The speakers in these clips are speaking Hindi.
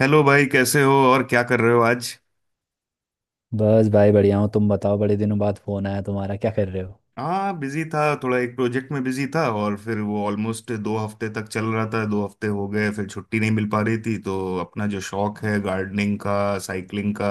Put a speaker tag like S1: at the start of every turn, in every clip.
S1: हेलो भाई, कैसे हो और क्या कर रहे हो आज।
S2: बस भाई बढ़िया हूँ। तुम बताओ, बड़े दिनों बाद फोन आया तुम्हारा, क्या कर रहे हो?
S1: हाँ, बिजी था, थोड़ा एक प्रोजेक्ट में बिजी था, और फिर वो ऑलमोस्ट 2 हफ्ते तक चल रहा था, 2 हफ्ते हो गए, फिर छुट्टी नहीं मिल पा रही थी, तो अपना जो शौक है गार्डनिंग का, साइकिलिंग का,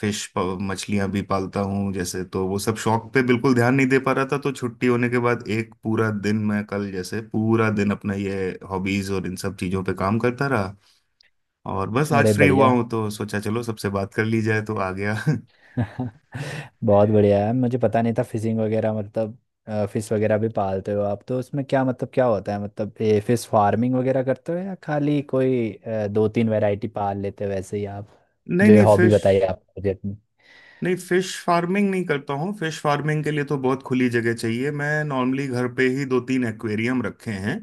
S1: फिश मछलियां भी पालता हूँ जैसे, तो वो सब शौक पे बिल्कुल ध्यान नहीं दे पा रहा था। तो छुट्टी होने के बाद एक पूरा दिन, मैं कल जैसे पूरा दिन अपना ये हॉबीज और इन सब चीजों पे काम करता रहा, और बस आज
S2: अरे
S1: फ्री हुआ
S2: बढ़िया।
S1: हूँ, तो सोचा चलो सबसे बात कर ली जाए, तो आ गया
S2: बहुत बढ़िया है। मुझे पता नहीं था फिशिंग वगैरह मतलब फिश वगैरह भी पालते हो आप तो। उसमें क्या मतलब क्या होता है, मतलब ये फिश फार्मिंग वगैरह करते हो या खाली कोई दो तीन वैरायटी पाल लेते हो वैसे ही आप,
S1: नहीं
S2: जो ये
S1: नहीं,
S2: हॉबी
S1: फिश।
S2: बताई आप मुझे अपनी।
S1: नहीं, फिश फार्मिंग नहीं करता हूँ। फिश फार्मिंग के लिए तो बहुत खुली जगह चाहिए। मैं नॉर्मली घर पे ही दो तीन एक्वेरियम रखे हैं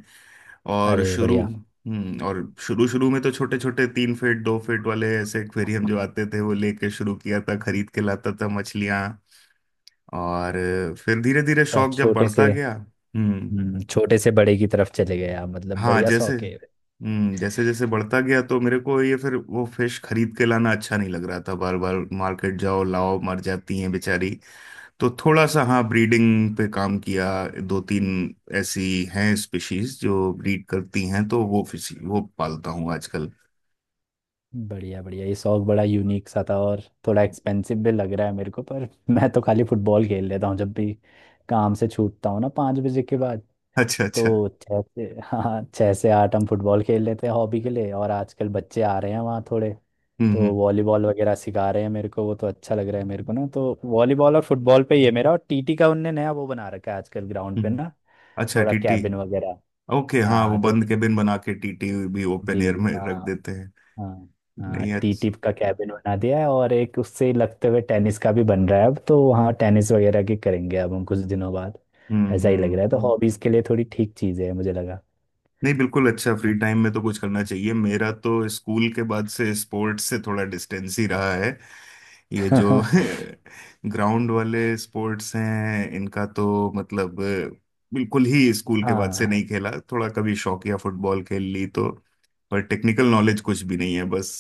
S1: और
S2: अरे
S1: शुरू।
S2: बढ़िया।
S1: हम्म, और शुरू शुरू में तो छोटे छोटे 3 फीट 2 फीट वाले ऐसे एक्वेरियम जो आते थे, वो लेके शुरू किया था, खरीद के लाता था मछलियाँ, और फिर धीरे धीरे
S2: अच्छा
S1: शौक जब
S2: छोटे
S1: बढ़ता
S2: से।
S1: गया। हम्म।
S2: हम्म, छोटे से बड़े की तरफ चले गए आप मतलब,
S1: हाँ
S2: बढ़िया
S1: जैसे।
S2: शौक है।
S1: हम्म, जैसे जैसे बढ़ता गया, तो मेरे को ये फिर वो फिश खरीद के लाना अच्छा नहीं लग रहा था, बार बार मार्केट जाओ, लाओ, मर जाती हैं बेचारी, तो थोड़ा सा हाँ ब्रीडिंग पे काम किया। दो तीन ऐसी हैं स्पीशीज जो ब्रीड करती हैं, तो वो फिश वो पालता हूँ आजकल।
S2: बढ़िया बढ़िया, ये शौक बड़ा यूनिक सा था और थोड़ा एक्सपेंसिव भी लग रहा है मेरे को पर मैं तो खाली फुटबॉल खेल लेता हूँ जब भी काम से छूटता हूँ ना, 5 बजे के बाद।
S1: अच्छा अच्छा।
S2: तो छः से हाँ, 6 से 8 हम फुटबॉल खेल लेते हैं हॉबी के लिए। और आजकल बच्चे आ रहे हैं वहाँ थोड़े,
S1: हम्म
S2: तो
S1: हम्म
S2: वॉलीबॉल वगैरह सिखा रहे हैं मेरे को, वो तो अच्छा लग रहा है मेरे को ना। तो वॉलीबॉल और फुटबॉल पे ही है मेरा, और टीटी का उनने नया वो बना रखा है आजकल ग्राउंड पे
S1: हम्म।
S2: ना,
S1: अच्छा,
S2: थोड़ा
S1: टीटी।
S2: कैबिन वगैरह।
S1: ओके, हाँ, वो
S2: हाँ, तो
S1: बंद केबिन बना के टीटी भी ओपन
S2: जी,
S1: एयर में रख
S2: हाँ,
S1: देते हैं।
S2: हाँ। हाँ,
S1: नहीं,
S2: टी
S1: अच्छा।
S2: टिप का कैबिन बना दिया है, और एक उससे लगते हुए टेनिस का भी बन रहा है। अब तो वहाँ टेनिस वगैरह की करेंगे अब हम कुछ दिनों बाद।
S1: हम्म
S2: ऐसा ही लग
S1: हम्म
S2: रहा है, तो
S1: हम्म।
S2: हॉबीज के लिए थोड़ी ठीक चीज है मुझे लगा।
S1: नहीं बिल्कुल, अच्छा, फ्री टाइम में तो कुछ करना चाहिए। मेरा तो स्कूल के बाद से स्पोर्ट्स से थोड़ा डिस्टेंस ही रहा है। ये जो ग्राउंड वाले स्पोर्ट्स हैं, इनका तो मतलब बिल्कुल ही स्कूल के बाद से
S2: हाँ,
S1: नहीं खेला, थोड़ा कभी शौकिया फुटबॉल खेल ली, तो पर टेक्निकल नॉलेज कुछ भी नहीं है बस।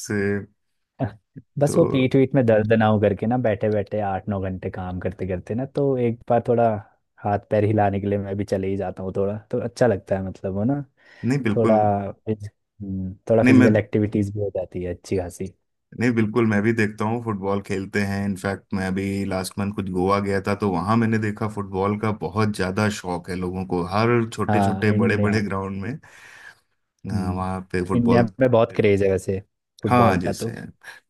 S1: तो
S2: बस वो पीठ वीठ में दर्द ना हो करके ना, बैठे बैठे 8-9 घंटे काम करते करते ना, तो एक बार थोड़ा हाथ पैर हिलाने के लिए मैं भी चले ही जाता हूँ, थोड़ा तो अच्छा लगता है मतलब वो ना,
S1: नहीं
S2: थोड़ा
S1: बिल्कुल
S2: फिज- थोड़ा
S1: नहीं मैं
S2: फिजिकल एक्टिविटीज भी हो जाती है अच्छी खासी।
S1: नहीं बिल्कुल, मैं भी देखता हूँ फुटबॉल खेलते हैं। इनफैक्ट मैं अभी लास्ट मंथ कुछ गोवा गया था, तो वहां मैंने देखा फुटबॉल का बहुत ज्यादा शौक है लोगों को, हर छोटे
S2: हाँ
S1: छोटे बड़े बड़े
S2: इंडिया।
S1: ग्राउंड में
S2: हम्म,
S1: वहां पे
S2: इंडिया
S1: फुटबॉल।
S2: में बहुत जी क्रेज है वैसे,
S1: हाँ
S2: फुटबॉल का
S1: जैसे
S2: तो।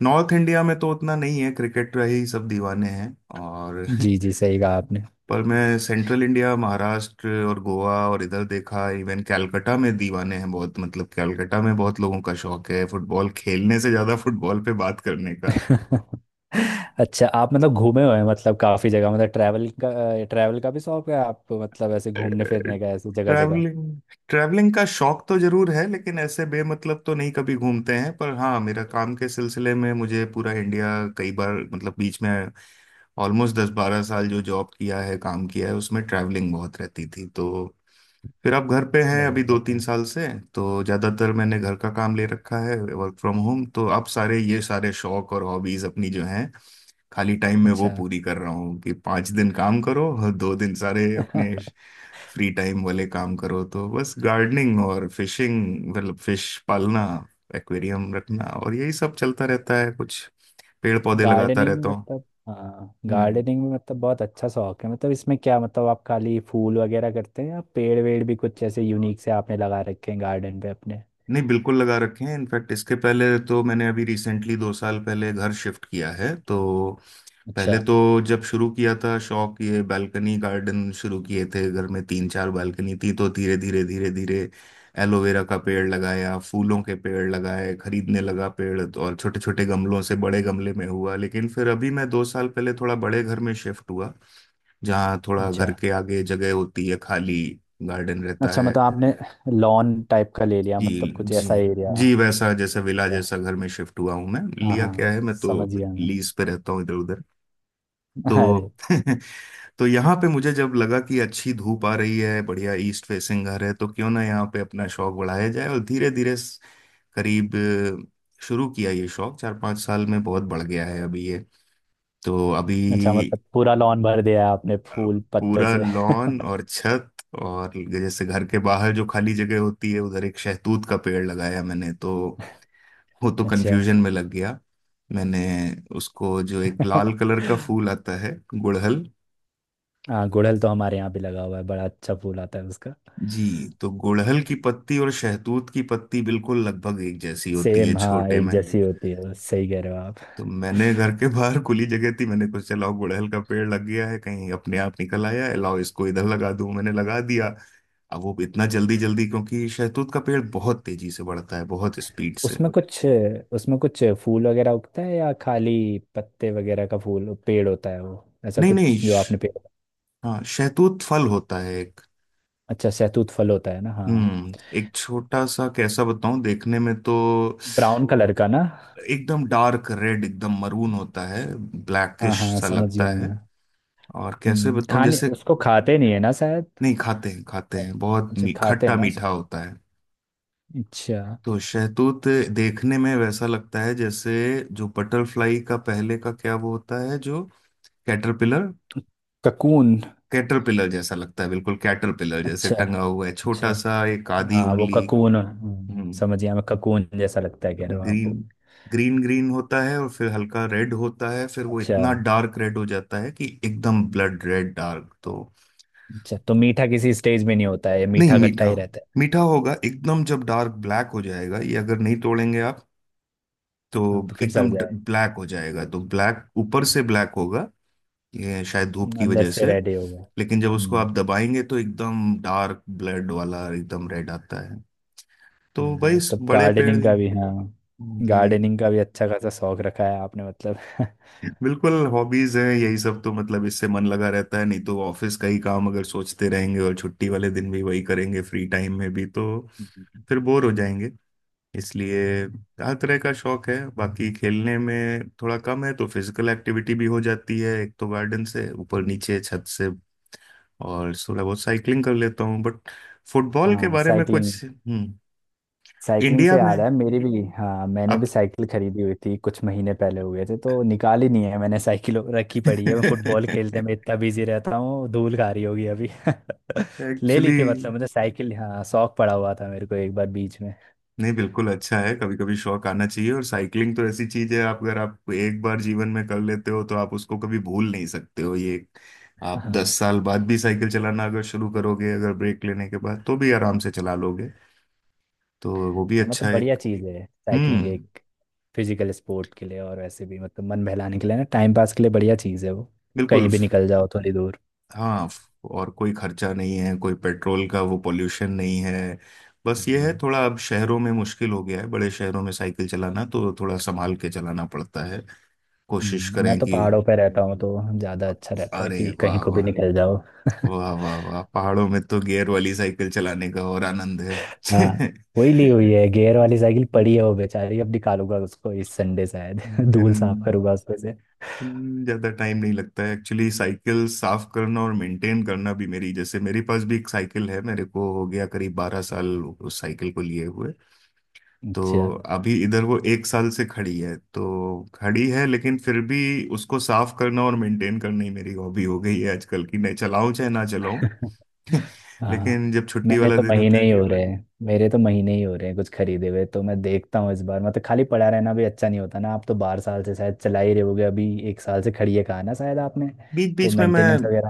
S1: नॉर्थ इंडिया में तो उतना नहीं है, क्रिकेट का ही सब दीवाने हैं और
S2: जी जी, सही कहा आपने।
S1: पर मैं सेंट्रल इंडिया, महाराष्ट्र और गोवा और इधर देखा, इवन कैलकाटा में दीवाने हैं बहुत। मतलब कैलकाटा में बहुत लोगों का शौक है, फुटबॉल खेलने से ज्यादा फुटबॉल पे बात करने का।
S2: अच्छा, आप मतलब घूमे हुए हैं मतलब काफी जगह, मतलब ट्रैवल का, ट्रैवल का भी शौक है आपको, मतलब ऐसे घूमने फिरने का, ऐसे जगह जगह।
S1: ट्रैवलिंग। ट्रैवलिंग का शौक तो जरूर है, लेकिन ऐसे बेमतलब तो नहीं कभी घूमते हैं, पर हाँ मेरा काम के सिलसिले में मुझे पूरा इंडिया कई बार, मतलब बीच में ऑलमोस्ट 10-12 साल जो जॉब किया है, काम किया है, उसमें ट्रैवलिंग बहुत रहती थी, तो फिर आप घर पे हैं
S2: बढ़िया
S1: अभी दो तीन
S2: बढ़िया।
S1: साल से, तो ज़्यादातर मैंने घर का काम ले रखा है वर्क फ्रॉम होम, तो आप सारे ये सारे शौक और हॉबीज अपनी जो हैं खाली टाइम में वो
S2: अच्छा।
S1: पूरी कर रहा हूँ। कि 5 दिन काम करो और 2 दिन सारे अपने फ्री टाइम वाले काम करो, तो बस गार्डनिंग और फिशिंग, मतलब फिश पालना, एक्वेरियम रखना, और यही सब चलता रहता है, कुछ पेड़ पौधे लगाता
S2: गार्डनिंग
S1: रहता
S2: में
S1: हूँ।
S2: मतलब हाँ,
S1: हम्म।
S2: गार्डनिंग में मतलब बहुत अच्छा शौक है। मतलब इसमें क्या मतलब, आप खाली फूल वगैरह करते हैं या पेड़ वेड़ भी कुछ ऐसे यूनिक से आपने लगा रखे हैं गार्डन पे अपने?
S1: नहीं बिल्कुल, लगा रखे हैं। इनफैक्ट इसके पहले तो मैंने अभी रिसेंटली 2 साल पहले घर शिफ्ट किया है, तो
S2: अच्छा
S1: पहले तो जब शुरू किया था शौक, ये बालकनी गार्डन शुरू किए थे घर में, तीन चार बालकनी थी, तो धीरे धीरे धीरे धीरे एलोवेरा का पेड़ लगाया, फूलों के पेड़ लगाए, खरीदने लगा पेड़ तो, और छोटे छोटे गमलों से बड़े गमले में हुआ। लेकिन फिर अभी मैं 2 साल पहले थोड़ा बड़े घर में शिफ्ट हुआ, जहाँ थोड़ा
S2: अच्छा।
S1: घर के आगे जगह होती है, खाली गार्डन रहता
S2: अच्छा
S1: है।
S2: मतलब आपने लॉन टाइप का ले लिया
S1: जी,
S2: मतलब, कुछ
S1: जी,
S2: ऐसा एरिया।
S1: जी, वैसा जैसे विला
S2: अच्छा
S1: जैसा घर में शिफ्ट हुआ हूं मैं।
S2: हाँ
S1: लिया क्या
S2: हाँ,
S1: है, मैं तो
S2: समझ गया मैं।
S1: लीज पे रहता हूँ इधर उधर,
S2: अरे।
S1: तो तो यहाँ पे मुझे जब लगा कि अच्छी धूप आ रही है, बढ़िया ईस्ट फेसिंग घर है, तो क्यों ना यहाँ पे अपना शौक बढ़ाया जाए, और धीरे धीरे करीब शुरू किया, ये शौक 4-5 साल में बहुत बढ़ गया है अभी ये, तो अभी
S2: अच्छा मतलब पूरा लॉन भर दिया है आपने फूल पत्तों
S1: पूरा
S2: से।
S1: लॉन और छत, और जैसे घर के बाहर जो खाली जगह होती है, उधर एक शहतूत का पेड़ लगाया मैंने, तो वो तो
S2: अच्छा।
S1: कंफ्यूजन में लग गया मैंने। उसको जो एक लाल कलर का फूल आता है, गुड़हल।
S2: हाँ, गुड़हल तो हमारे यहाँ भी लगा हुआ है, बड़ा अच्छा फूल आता है उसका।
S1: जी, तो गुड़हल की पत्ती और शहतूत की पत्ती बिल्कुल लगभग एक जैसी होती है
S2: सेम, हाँ
S1: छोटे
S2: एक
S1: में।
S2: जैसी होती है, बस सही कह रहे हो आप।
S1: तो मैंने घर के बाहर खुली जगह थी, मैंने कुछ चलाओ गुड़हल का पेड़ लग गया है कहीं अपने आप निकल आया है, लाओ इसको इधर लगा दूं, मैंने लगा दिया। अब वो इतना जल्दी जल्दी, क्योंकि शहतूत का पेड़ बहुत तेजी से बढ़ता है, बहुत स्पीड से।
S2: उसमें कुछ उसमें कुछ फूल वगैरह उगता है या खाली पत्ते वगैरह का फूल पेड़ होता है वो, ऐसा
S1: नहीं नहीं
S2: कुछ जो
S1: श-
S2: आपने पेड़।
S1: हाँ, शहतूत फल होता है एक,
S2: अच्छा, सहतूत फल होता है ना, हाँ।
S1: हम्म, एक छोटा सा, कैसा बताऊं देखने में, तो
S2: ब्राउन कलर का ना?
S1: एकदम डार्क रेड, एकदम मरून होता है,
S2: हाँ
S1: ब्लैकिश
S2: हाँ हाँ,
S1: सा
S2: समझ
S1: लगता
S2: गया
S1: है।
S2: मैं।
S1: और कैसे बताऊं
S2: खाने,
S1: जैसे,
S2: उसको खाते नहीं है ना शायद।
S1: नहीं खाते हैं, खाते हैं बहुत,
S2: अच्छा, खाते
S1: खट्टा
S2: हैं ना
S1: मीठा
S2: उसको।
S1: होता है।
S2: अच्छा।
S1: तो शहतूत देखने में वैसा लगता है जैसे, जो बटरफ्लाई का पहले का क्या वो होता है जो, कैटरपिलर।
S2: ककून।
S1: कैटरपिलर जैसा लगता है, बिल्कुल कैटरपिलर जैसे
S2: अच्छा।
S1: टंगा हुआ है
S2: अच्छा
S1: छोटा सा, एक आधी
S2: हाँ वो
S1: उंगली।
S2: ककून।
S1: हम्म।
S2: समझ गया मैं, ककून जैसा लगता है
S1: तो
S2: कह रहे हो
S1: ग्रीन
S2: आपको।
S1: ग्रीन ग्रीन होता है, और फिर हल्का रेड होता है, फिर वो
S2: अच्छा।
S1: इतना डार्क रेड हो जाता है कि एकदम ब्लड रेड डार्क। तो
S2: अच्छा, तो मीठा किसी स्टेज में नहीं होता है ये,
S1: नहीं,
S2: मीठा खट्टा
S1: मीठा
S2: ही
S1: हो,
S2: रहता है?
S1: मीठा होगा एकदम जब डार्क ब्लैक हो जाएगा ये, अगर नहीं तोड़ेंगे आप, तो
S2: हाँ, तो फिर सड़
S1: एकदम
S2: जाए।
S1: ब्लैक हो जाएगा। तो ब्लैक, ऊपर से ब्लैक होगा, ये शायद धूप की
S2: अंदर
S1: वजह
S2: से
S1: से,
S2: रेडी हो गया।
S1: लेकिन जब उसको
S2: हम्म।
S1: आप दबाएंगे तो एकदम डार्क ब्लड वाला, एकदम रेड आता है। तो भाई इस
S2: मतलब वही
S1: बड़े पेड़।
S2: गार्डनिंग का भी हाँ।
S1: जी,
S2: गार्डनिंग का भी अच्छा खासा शौक रखा है आपने मतलब।
S1: बिल्कुल हॉबीज है यही सब, तो मतलब इससे मन लगा रहता है, नहीं तो ऑफिस का ही काम अगर सोचते रहेंगे और छुट्टी वाले दिन भी वही करेंगे फ्री टाइम में भी, तो
S2: हम्म।
S1: फिर बोर हो जाएंगे, इसलिए हर तरह का शौक है। बाकी खेलने में थोड़ा कम है, तो फिजिकल एक्टिविटी भी हो जाती है एक तो गार्डन से ऊपर नीचे छत से, और थोड़ा बहुत साइकिलिंग कर लेता हूँ, बट फुटबॉल के
S2: हाँ
S1: बारे में
S2: साइकिलिंग।
S1: कुछ, हम्म,
S2: साइकिलिंग
S1: इंडिया
S2: से
S1: में
S2: याद है मेरी भी, हाँ मैंने
S1: अब
S2: भी साइकिल खरीदी हुई थी कुछ महीने पहले हुए थे, तो निकाली नहीं है मैंने, साइकिल रखी पड़ी है, मैं फुटबॉल खेलने में इतना बिजी रहता हूँ, धूल खा रही होगी अभी। ले ली
S1: एक्चुअली
S2: थी मतलब मुझे साइकिल, हाँ शौक पड़ा हुआ था मेरे को एक बार बीच में।
S1: नहीं बिल्कुल अच्छा है, कभी कभी शौक आना चाहिए, और साइकिलिंग तो ऐसी चीज है, आप अगर आप एक बार जीवन में कर लेते हो तो आप उसको कभी भूल नहीं सकते हो ये। आप
S2: हाँ।
S1: 10 साल बाद भी साइकिल चलाना अगर शुरू करोगे, अगर ब्रेक लेने के बाद, तो भी आराम से चला लोगे, तो वो भी
S2: हाँ
S1: अच्छा
S2: मतलब
S1: है।
S2: बढ़िया चीज़ है साइकिलिंग,
S1: हम्म।
S2: एक फिजिकल स्पोर्ट के लिए, और वैसे भी मतलब मन बहलाने के लिए ना, टाइम पास के लिए बढ़िया चीज़ है वो,
S1: बिल्कुल।
S2: कहीं भी निकल जाओ थोड़ी दूर।
S1: हाँ, और कोई खर्चा नहीं है, कोई पेट्रोल का वो पोल्यूशन नहीं है, बस ये है
S2: हम्म,
S1: थोड़ा अब शहरों में मुश्किल हो गया है, बड़े शहरों में साइकिल चलाना, तो थोड़ा संभाल के चलाना पड़ता है, कोशिश
S2: मैं
S1: करें
S2: तो
S1: कि।
S2: पहाड़ों पे रहता हूँ, तो ज़्यादा अच्छा रहता है
S1: अरे
S2: कि
S1: वाह
S2: कहीं को भी
S1: वाह,
S2: निकल जाओ।
S1: वाह वाह वाह, पहाड़ों में तो गियर वाली साइकिल चलाने का और आनंद है
S2: हाँ, वही ली हुई है गियर वाली साइकिल, पड़ी है वो बेचारी, अब निकालूंगा उसको इस संडे शायद धूल साफ
S1: इन-
S2: करूंगा उसमें से।
S1: ज्यादा टाइम नहीं लगता है एक्चुअली साइकिल साफ करना और मेंटेन करना भी। मेरी जैसे, मेरे पास भी एक साइकिल है, मेरे को हो गया करीब 12 साल उस साइकिल को लिए हुए, तो
S2: अच्छा।
S1: अभी इधर वो एक साल से खड़ी है, तो खड़ी है, लेकिन फिर भी उसको साफ करना और मेंटेन करना ही मेरी हॉबी हो गई है आजकल की, नहीं चलाऊं चाहे ना चलाऊं
S2: हाँ,
S1: लेकिन जब छुट्टी
S2: मैंने
S1: वाला
S2: तो
S1: दिन होता
S2: महीने
S1: है,
S2: ही हो रहे हैं, मेरे तो महीने ही हो रहे हैं कुछ खरीदे हुए, तो मैं देखता हूँ इस बार मतलब, खाली पड़ा रहना भी अच्छा नहीं होता ना, आप तो 12 साल से शायद चला ही रहे होगे, अभी एक साल से खड़ी है कहा ना शायद आपने?
S1: बीच
S2: तो
S1: बीच में मैं,
S2: मेंटेनेंस वगैरह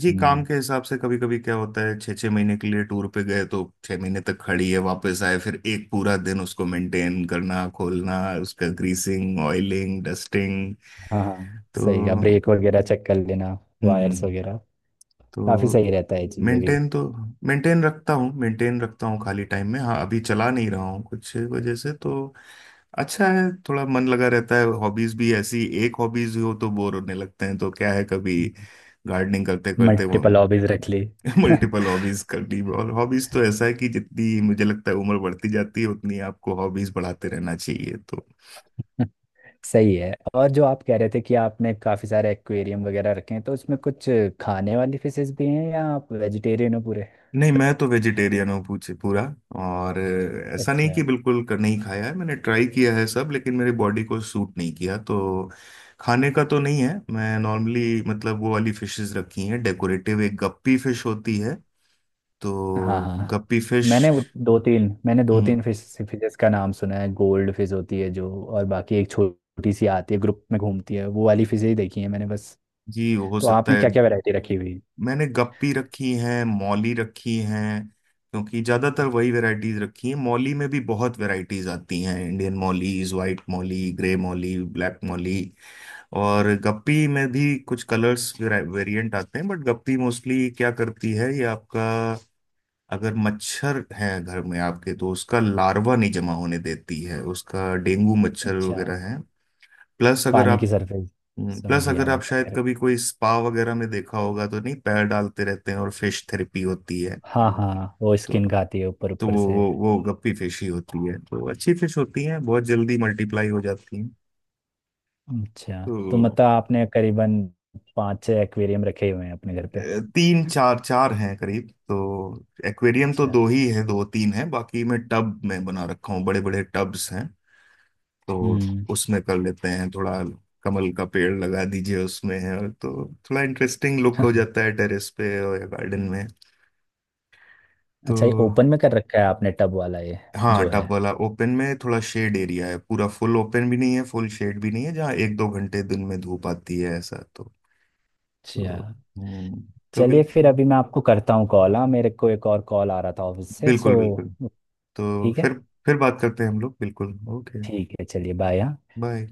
S1: जी, काम के हिसाब से, कभी कभी क्या होता है छः 6 महीने के लिए टूर पे गए, तो 6 महीने तक खड़ी है, वापस आए फिर एक पूरा दिन उसको मेंटेन करना, खोलना, उसका ग्रीसिंग, ऑयलिंग, डस्टिंग,
S2: हाँ हाँ,
S1: तो
S2: सही, का ब्रेक वगैरह चेक कर लेना, वायर्स
S1: हम्म।
S2: वगैरह,
S1: तो
S2: काफी सही रहता है ये चीजें भी।
S1: मेंटेन तो मेंटेन रखता हूँ, मेंटेन रखता हूँ खाली टाइम में, हाँ अभी चला नहीं रहा हूँ कुछ वजह से, तो अच्छा है, थोड़ा मन लगा रहता है। हॉबीज भी ऐसी एक हॉबीज हो तो बोर होने लगते हैं, तो क्या है कभी गार्डनिंग करते करते,
S2: मल्टीपल हॉबीज रख ली।
S1: मल्टीपल हॉबीज करनी। और हॉबीज तो ऐसा है कि जितनी मुझे लगता है उम्र बढ़ती जाती है, उतनी आपको हॉबीज बढ़ाते रहना चाहिए तो।
S2: सही है। और जो आप कह रहे थे कि आपने काफी सारे एक्वेरियम वगैरह रखे हैं, तो उसमें कुछ खाने वाली फिशेस भी हैं या आप वेजिटेरियन हो पूरे?
S1: नहीं, मैं तो वेजिटेरियन हूँ पूछे पूरा, और ऐसा नहीं
S2: अच्छा।
S1: कि बिल्कुल कर नहीं खाया है, मैंने ट्राई किया है सब, लेकिन मेरी बॉडी को सूट नहीं किया, तो खाने का तो नहीं है। मैं नॉर्मली मतलब वो वाली फिशेस रखी हैं डेकोरेटिव, एक गप्पी फिश होती है,
S2: हाँ
S1: तो
S2: हाँ।
S1: गप्पी फिश।
S2: मैंने दो
S1: हम्म।
S2: तीन फिशेस का नाम सुना है, गोल्ड फिश होती है जो, और बाकी एक छोटी सी आती है ग्रुप में घूमती है, वो वाली फिशेज देखी है मैंने बस।
S1: जी, हो
S2: तो
S1: सकता
S2: आपने
S1: है।
S2: क्या क्या वैरायटी रखी हुई है?
S1: मैंने गप्पी रखी हैं, मौली रखी हैं, क्योंकि ज्यादातर वही वैरायटीज रखी हैं। मौली में भी बहुत वैरायटीज आती हैं, Indian mollies, white molly, grey molly, black molly, और गप्पी में भी कुछ कलर्स वेरिएंट आते हैं, बट गप्पी मोस्टली क्या करती है, ये आपका अगर मच्छर है घर में आपके, तो उसका लार्वा नहीं जमा होने देती है, उसका डेंगू मच्छर
S2: अच्छा,
S1: वगैरह है। प्लस अगर
S2: पानी की
S1: आप,
S2: सरफेस। समझ
S1: प्लस
S2: गया
S1: अगर आप
S2: मैं क्या कह
S1: शायद कभी
S2: रहा
S1: कोई स्पा वगैरह में देखा होगा तो, नहीं पैर डालते रहते हैं, और फिश थेरेपी होती है,
S2: हूँ, हाँ हाँ वो
S1: तो
S2: स्किन खाती है ऊपर
S1: तो
S2: ऊपर से।
S1: वो गप्पी फिश ही होती है, तो अच्छी फिश होती है, बहुत जल्दी मल्टीप्लाई हो जाती हैं,
S2: अच्छा, तो
S1: तो
S2: मतलब आपने करीबन पाँच छह एक्वेरियम रखे हुए हैं अपने घर पे?
S1: तीन चार, चार हैं करीब, तो एक्वेरियम तो
S2: अच्छा।
S1: दो ही है, दो तीन है, बाकी मैं टब में बना रखा हूँ, बड़े बड़े टब्स हैं, तो
S2: हम्म।
S1: उसमें कर लेते हैं, थोड़ा कमल का पेड़ लगा दीजिए उसमें, और तो थोड़ा इंटरेस्टिंग लुक हो जाता है टेरेस पे और गार्डन में तो।
S2: अच्छा, ये ओपन में कर रखा है आपने टब वाला ये,
S1: हाँ,
S2: जो है।
S1: टब वाला ओपन में, थोड़ा शेड एरिया है, पूरा फुल ओपन भी नहीं है, फुल शेड भी नहीं है, जहाँ 1-2 घंटे दिन में धूप आती है ऐसा, तो
S2: अच्छा,
S1: हम्म, तो
S2: चलिए फिर
S1: बिल्कुल
S2: अभी मैं आपको करता हूँ कॉल, हाँ मेरे को एक और कॉल आ रहा था ऑफिस से, सो
S1: बिल्कुल बिल्कुल। तो
S2: ठीक है।
S1: फिर बात करते हैं हम लोग, बिल्कुल, ओके,
S2: ठीक है, चलिए बाय।
S1: बाय।